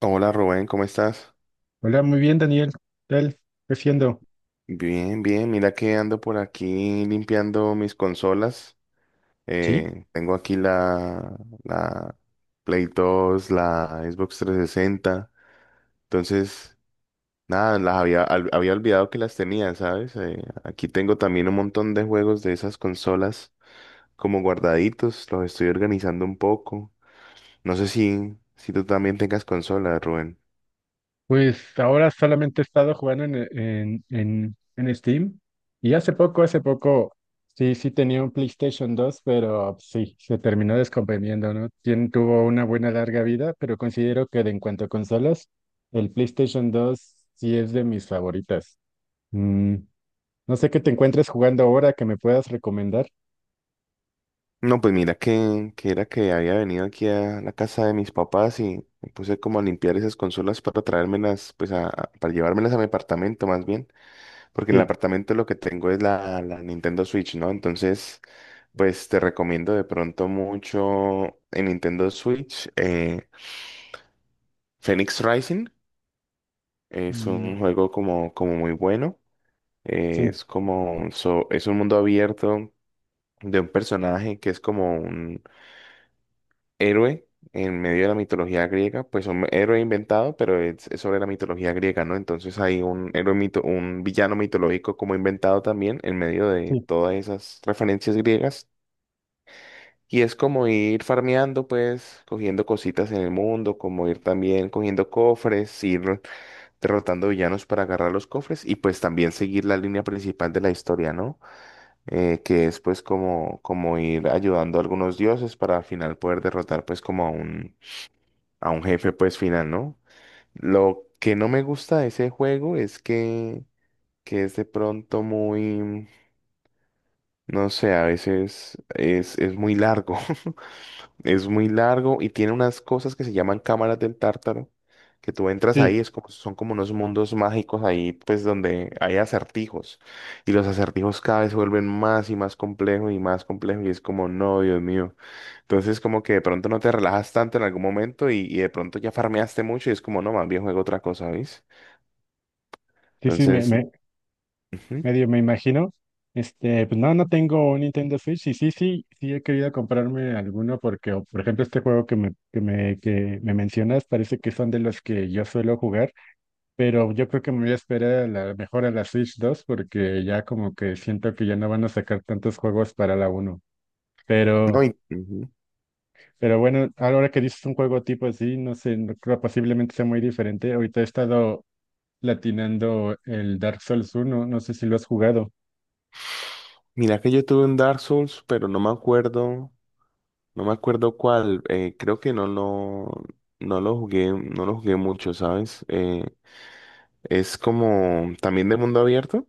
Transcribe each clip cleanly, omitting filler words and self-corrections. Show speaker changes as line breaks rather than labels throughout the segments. Hola Rubén, ¿cómo estás?
Hola, muy bien, Daniel. ¿Qué tal? ¿Qué haciendo?
Bien, bien, mira que ando por aquí limpiando mis consolas.
Sí,
Tengo aquí la, la Play 2, la Xbox 360. Entonces, nada, las había, había olvidado que las tenía, ¿sabes? Aquí tengo también un montón de juegos de esas consolas como guardaditos, los estoy organizando un poco. No sé si tú también tengas consolas, Rubén.
pues ahora solamente he estado jugando en Steam y hace poco, sí, sí tenía un PlayStation dos pero sí, se terminó descomponiendo, ¿no? Tuvo una buena larga vida, pero considero que de en cuanto a consolas, el PlayStation dos sí es de mis favoritas. Mm, no sé qué te encuentres jugando ahora que me puedas recomendar.
No, pues mira que era que había venido aquí a la casa de mis papás y me puse como a limpiar esas consolas para traérmelas, pues para llevármelas a mi apartamento más bien, porque en el
Sí,
apartamento lo que tengo es la, la Nintendo Switch, ¿no? Entonces, pues te recomiendo de pronto mucho en Nintendo Switch, Phoenix Rising, es
mm,
un juego como muy bueno,
sí,
es como, es un mundo abierto de un personaje que es como un héroe en medio de la mitología griega, pues un héroe inventado, pero es sobre la mitología griega, ¿no? Entonces hay un héroe mito, un villano mitológico como inventado también en medio de
sí,
todas esas referencias griegas. Y es como ir farmeando, pues, cogiendo cositas en el mundo, como ir también cogiendo cofres, ir derrotando villanos para agarrar los cofres y pues también seguir la línea principal de la historia, ¿no? Que es pues como ir ayudando a algunos dioses para al final poder derrotar pues como a un jefe pues final, ¿no? Lo que no me gusta de ese juego es que es de pronto muy, no sé, a veces es muy largo, es muy largo y tiene unas cosas que se llaman cámaras del tártaro, que tú entras
sí,
ahí, es como, son como unos mundos mágicos ahí pues donde hay acertijos y los acertijos cada vez se vuelven más y más complejos y más complejos y es como, no, Dios mío. Entonces, como que de pronto no te relajas tanto en algún momento y de pronto ya farmeaste mucho y es como, no, más bien juego otra cosa, ¿ves?
sí, sí,
Entonces, ujú.
medio me imagino. Pues no, no tengo un Nintendo Switch y sí, sí, sí he querido comprarme alguno porque, o, por ejemplo, este juego que me mencionas parece que son de los que yo suelo jugar, pero yo creo que me voy a esperar a la, mejor a la Switch dos porque ya como que siento que ya no van a sacar tantos juegos para la uno.
No,
Pero,
y, ujú.
pero bueno, ahora que dices un juego tipo así, no sé, no creo posiblemente sea muy diferente. Ahorita he estado latinando el Dark Souls uno, no sé si lo has jugado.
Mira que yo tuve un Dark Souls, pero no me acuerdo cuál. Creo que no lo jugué mucho, ¿sabes? Es como también de mundo abierto.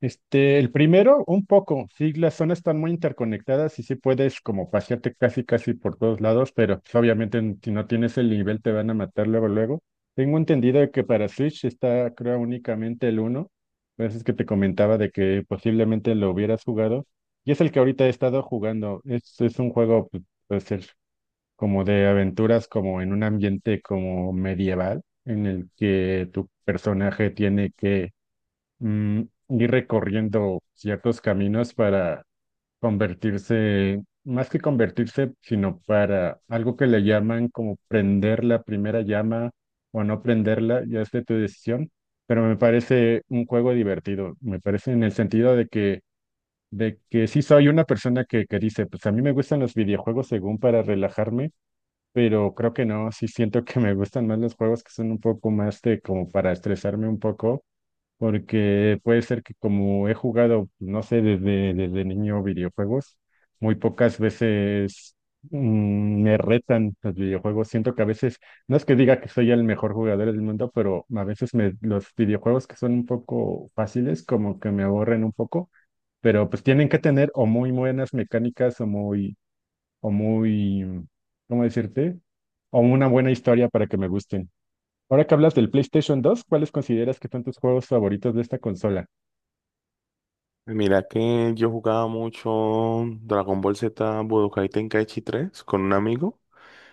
El primero, un poco, sí, las zonas están muy interconectadas y sí puedes como pasearte casi casi por todos lados, pero pues, obviamente si no tienes el nivel te van a matar luego luego. Tengo entendido que para Switch está creo únicamente el uno. Por eso es que te comentaba de que posiblemente lo hubieras jugado y es el que ahorita he estado jugando. Es un juego, puede ser como de aventuras, como en un ambiente como medieval, en el que tu personaje tiene que, mm, ir recorriendo ciertos caminos para convertirse, más que convertirse, sino para algo que le llaman como prender la primera llama o no prenderla, ya es de tu decisión, pero me parece un juego divertido, me parece en el sentido de que sí soy una persona que dice, pues a mí me gustan los videojuegos según para relajarme. Pero creo que no, sí siento que me gustan más los juegos que son un poco más de como para estresarme un poco porque puede ser que como he jugado, no sé, desde niño videojuegos, muy pocas veces, me retan los videojuegos. Siento que a veces, no es que diga que soy el mejor jugador del mundo, pero a veces los videojuegos que son un poco fáciles, como que me aburren un poco, pero pues tienen que tener o muy buenas mecánicas o muy, ¿cómo decirte? O una buena historia para que me gusten. Ahora que hablas del PlayStation dos, ¿cuáles consideras que son tus juegos favoritos de esta consola?
Mira que yo jugaba mucho Dragon Ball Z Budokai Tenkaichi 3 con un amigo.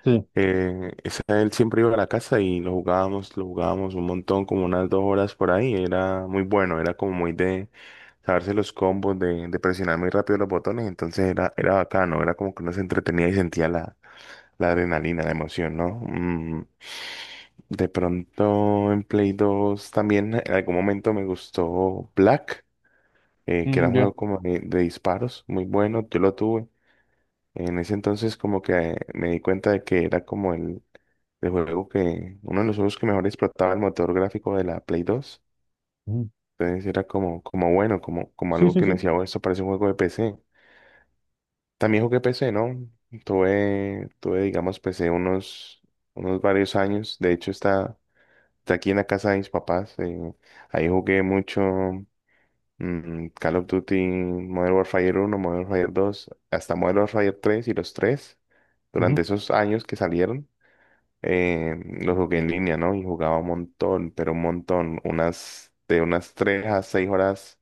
Sí,
Esa, él siempre iba a la casa y lo jugábamos un montón, como unas 2 horas por ahí. Era muy bueno, era como muy de saberse los combos, de presionar muy rápido los botones. Entonces era bacano, era como que uno se entretenía y sentía la, la adrenalina, la emoción, ¿no? De pronto en Play 2 también en algún momento me gustó Black, que era
mm,
un
ya.
juego como de disparos, muy bueno, yo lo tuve. En ese entonces como que me di cuenta de que era como el juego que, uno de los juegos que mejor explotaba el motor gráfico de la Play 2.
Ujú.
Entonces era como bueno, como
Sí,
algo
sí,
que me
sí.
decía, "Oh, esto parece un juego de PC". También jugué PC, ¿no? Tuve, digamos, PC unos varios años. De hecho, está aquí en la casa de mis papás. Ahí jugué mucho, Call of Duty, Modern Warfare 1, Modern Warfare 2, hasta Modern Warfare 3 y los tres durante
Ujú,
esos años que salieron. eh, los jugué en línea, ¿no? Y jugaba un montón, pero un montón, unas 3 a 6 horas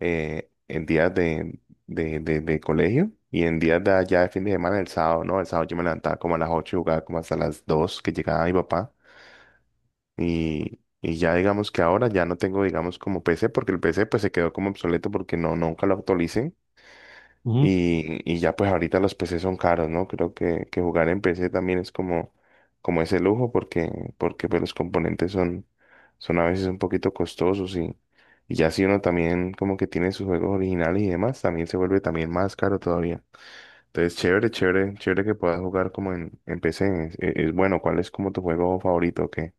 en días de, de colegio y en días de allá de fin de semana, el sábado, ¿no? El sábado yo me levantaba como a las 8 y jugaba como hasta las 2 que llegaba mi papá. Y ya digamos que ahora ya no tengo, digamos, como PC, porque el PC pues se quedó como obsoleto porque no, nunca lo actualicen.
ujú.
Y ya pues ahorita los PC son caros, ¿no? Creo que jugar en PC también es como ese lujo porque, porque pues los componentes son a veces un poquito costosos y ya si uno también como que tiene sus juegos originales y demás, también se vuelve también más caro todavía. Entonces, chévere, chévere, chévere que puedas jugar como en PC. Es bueno, ¿cuál es como tu juego favorito? O ¿qué?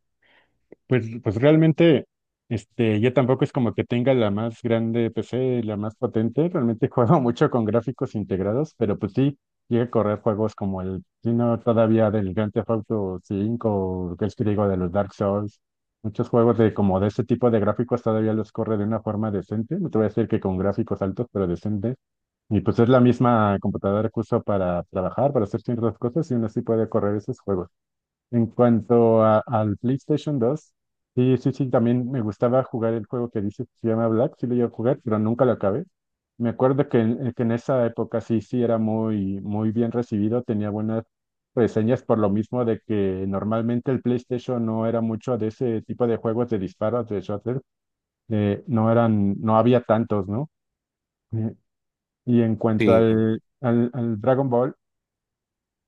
Pues realmente, este, yo tampoco es como que tenga la más grande PC, la más potente. Realmente juego mucho con gráficos integrados, pero pues sí, llega a correr juegos como el, si no todavía del Grand Theft Auto 5, o que es que digo de los Dark Souls. Muchos juegos de como de ese tipo de gráficos todavía los corre de una forma decente. No te voy a decir que con gráficos altos, pero decentes. Y pues es la misma computadora que uso para trabajar, para hacer ciertas cosas, y aún así puede correr esos juegos. En cuanto al PlayStation 2, sí, sí, sí, también me gustaba jugar el juego que dices que se llama Black, sí lo iba a jugar, pero nunca lo acabé. Me acuerdo que en esa época sí, sí era muy, muy bien recibido, tenía buenas reseñas por lo mismo de que normalmente el PlayStation no era mucho de ese tipo de juegos de disparos, de shooter, no eran, no había tantos, ¿no? Eh, y en cuanto
Sí.
al Dragon Ball,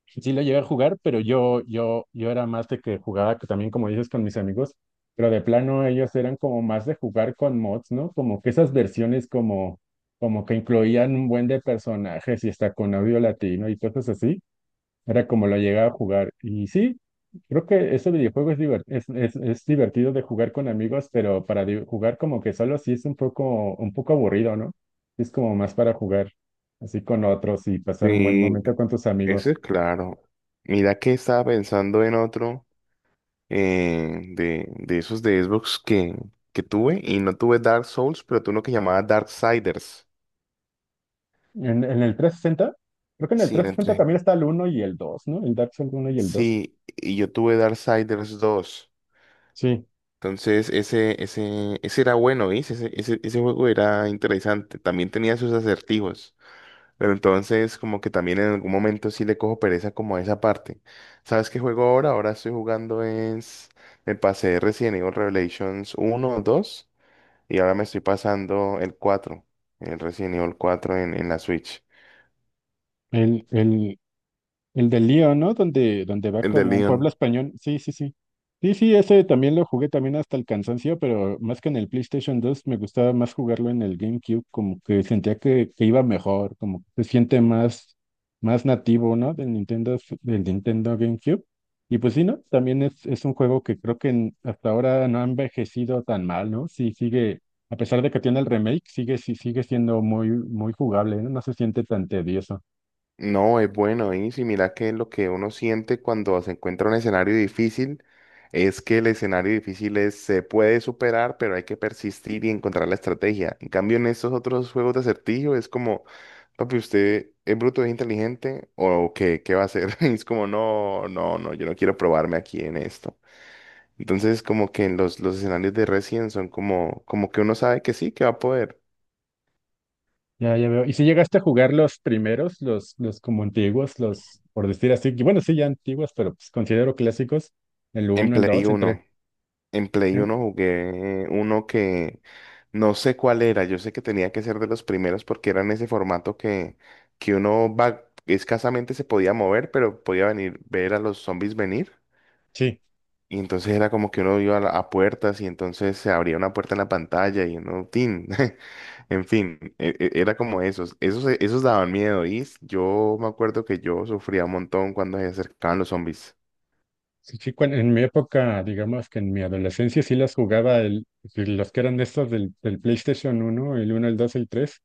sí lo llegué a jugar, pero yo era más de que jugaba que también, como dices, con mis amigos, pero de plano ellos eran como más de jugar con mods, ¿no? Como que esas versiones como, como que incluían un buen de personajes y hasta con audio latino y cosas así. Era como lo llegaba a jugar. Y sí, creo que ese videojuego es divertido de jugar con amigos, pero para jugar como que solo sí es un poco aburrido, ¿no? Es como más para jugar así con otros y pasar un buen
Sí,
momento con tus
eso
amigos.
es claro. Mira que estaba pensando en otro de esos de Xbox que tuve y no tuve Dark Souls, pero tuve uno que llamaba Darksiders.
En el trescientos sesenta, creo que en el
Sí,
360
entre.
también está el uno y el dos, ¿no? El Dark Souls uno y el dos.
Sí, y yo tuve Darksiders 2.
Sí,
Entonces, ese era bueno, ¿viste? Ese juego era interesante. También tenía sus acertijos. Pero entonces como que también en algún momento sí le cojo pereza como a esa parte. ¿Sabes qué juego ahora? Ahora estoy jugando es... Me pasé Resident Evil Revelations uno dos y ahora me estoy pasando el cuatro, el Resident Evil 4 en la Switch.
el, el, el del lío, ¿no? Donde, donde va
El de
como un pueblo
Leon.
español. Sí, sí, sí. Sí, sí, ese también lo jugué también hasta el cansancio, pero más que en el PlayStation dos me gustaba más jugarlo en el GameCube, como que sentía que iba mejor, como que se siente más, más nativo, ¿no? Del Nintendo, del Nintendo GameCube. Y pues sí, ¿no? También es un juego que creo que hasta ahora no ha envejecido tan mal, ¿no? Sí, sigue, a pesar de que tiene el remake, sigue, sí, sigue siendo muy, muy jugable, ¿no? No se siente tan tedioso.
No, es bueno, y si mira que lo que uno siente cuando se encuentra un escenario difícil es que el escenario difícil se puede superar, pero hay que persistir y encontrar la estrategia. En cambio, en estos otros juegos de acertijo es como papi, ¿usted es bruto, es inteligente o qué, qué va a hacer? Y es como, no, no, no, yo no quiero probarme aquí en esto. Entonces, como que en los escenarios de Resident son como, como que uno sabe que sí, que va a poder.
Ya, ya veo. ¿Y si llegaste a jugar los primeros, los como antiguos, los, por decir así, que bueno, sí, ya antiguos, pero pues considero clásicos, el
En
uno, el
Play
dos, el tres?
uno en Play
Em,
uno jugué uno que no sé cuál era, yo sé que tenía que ser de los primeros porque era en ese formato que uno va, escasamente se podía mover, pero podía venir, ver a los zombies venir.
sí,
Y entonces era como que uno iba a puertas y entonces se abría una puerta en la pantalla y uno, tin. En fin, era como esos. Esos, esos daban miedo. Yo me acuerdo que yo sufría un montón cuando se acercaban los zombies.
sí, sí, en mi época, digamos que en mi adolescencia sí las jugaba, el, los que eran de estos del PlayStation uno, el uno, el dos, el tres,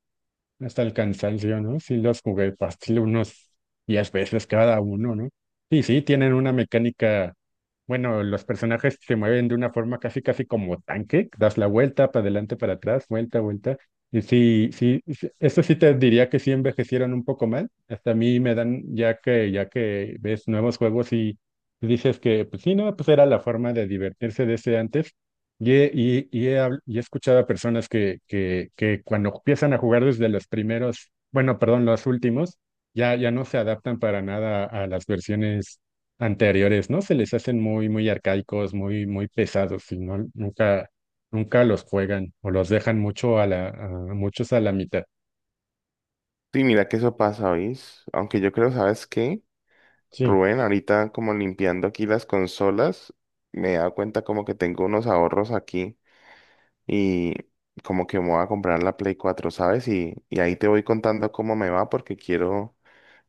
hasta el cansancio, ¿no? Sí, los jugué fácil unos 10 veces cada uno, ¿no? Y sí, tienen una mecánica, bueno, los personajes se mueven de una forma casi, casi como tanque, das la vuelta para adelante, para atrás, vuelta, vuelta. Y sí, sí, sí, eso sí te diría que sí envejecieron un poco mal. Hasta a mí me dan, ya que ves nuevos juegos y dices que, pues sí, no, pues era la forma de divertirse de ese antes. Y he, y he habl- y he escuchado a personas que cuando empiezan a jugar desde los primeros, bueno, perdón, los últimos, ya, ya no se adaptan para nada a las versiones anteriores, ¿no? Se les hacen muy, muy arcaicos, muy, muy pesados, y no, nunca, nunca los juegan o los dejan mucho a muchos a la mitad.
Sí, mira que eso pasa, ¿oís? Aunque yo creo, ¿sabes qué?
Sí.
Rubén, ahorita como limpiando aquí las consolas, me he dado cuenta como que tengo unos ahorros aquí y como que me voy a comprar la Play 4, ¿sabes? Y ahí te voy contando cómo me va porque quiero.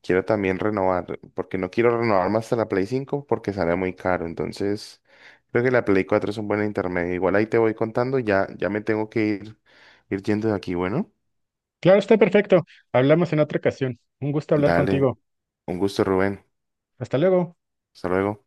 Quiero también renovar, porque no quiero renovar más hasta la Play 5 porque sale muy caro. Entonces, creo que la Play 4 es un buen intermedio. Igual ahí te voy contando, ya, ya me tengo que ir yendo de aquí. Bueno,
Claro, está perfecto. Hablamos en otra ocasión. Un gusto hablar
dale,
contigo.
un gusto, Rubén.
Hasta luego.
Hasta luego.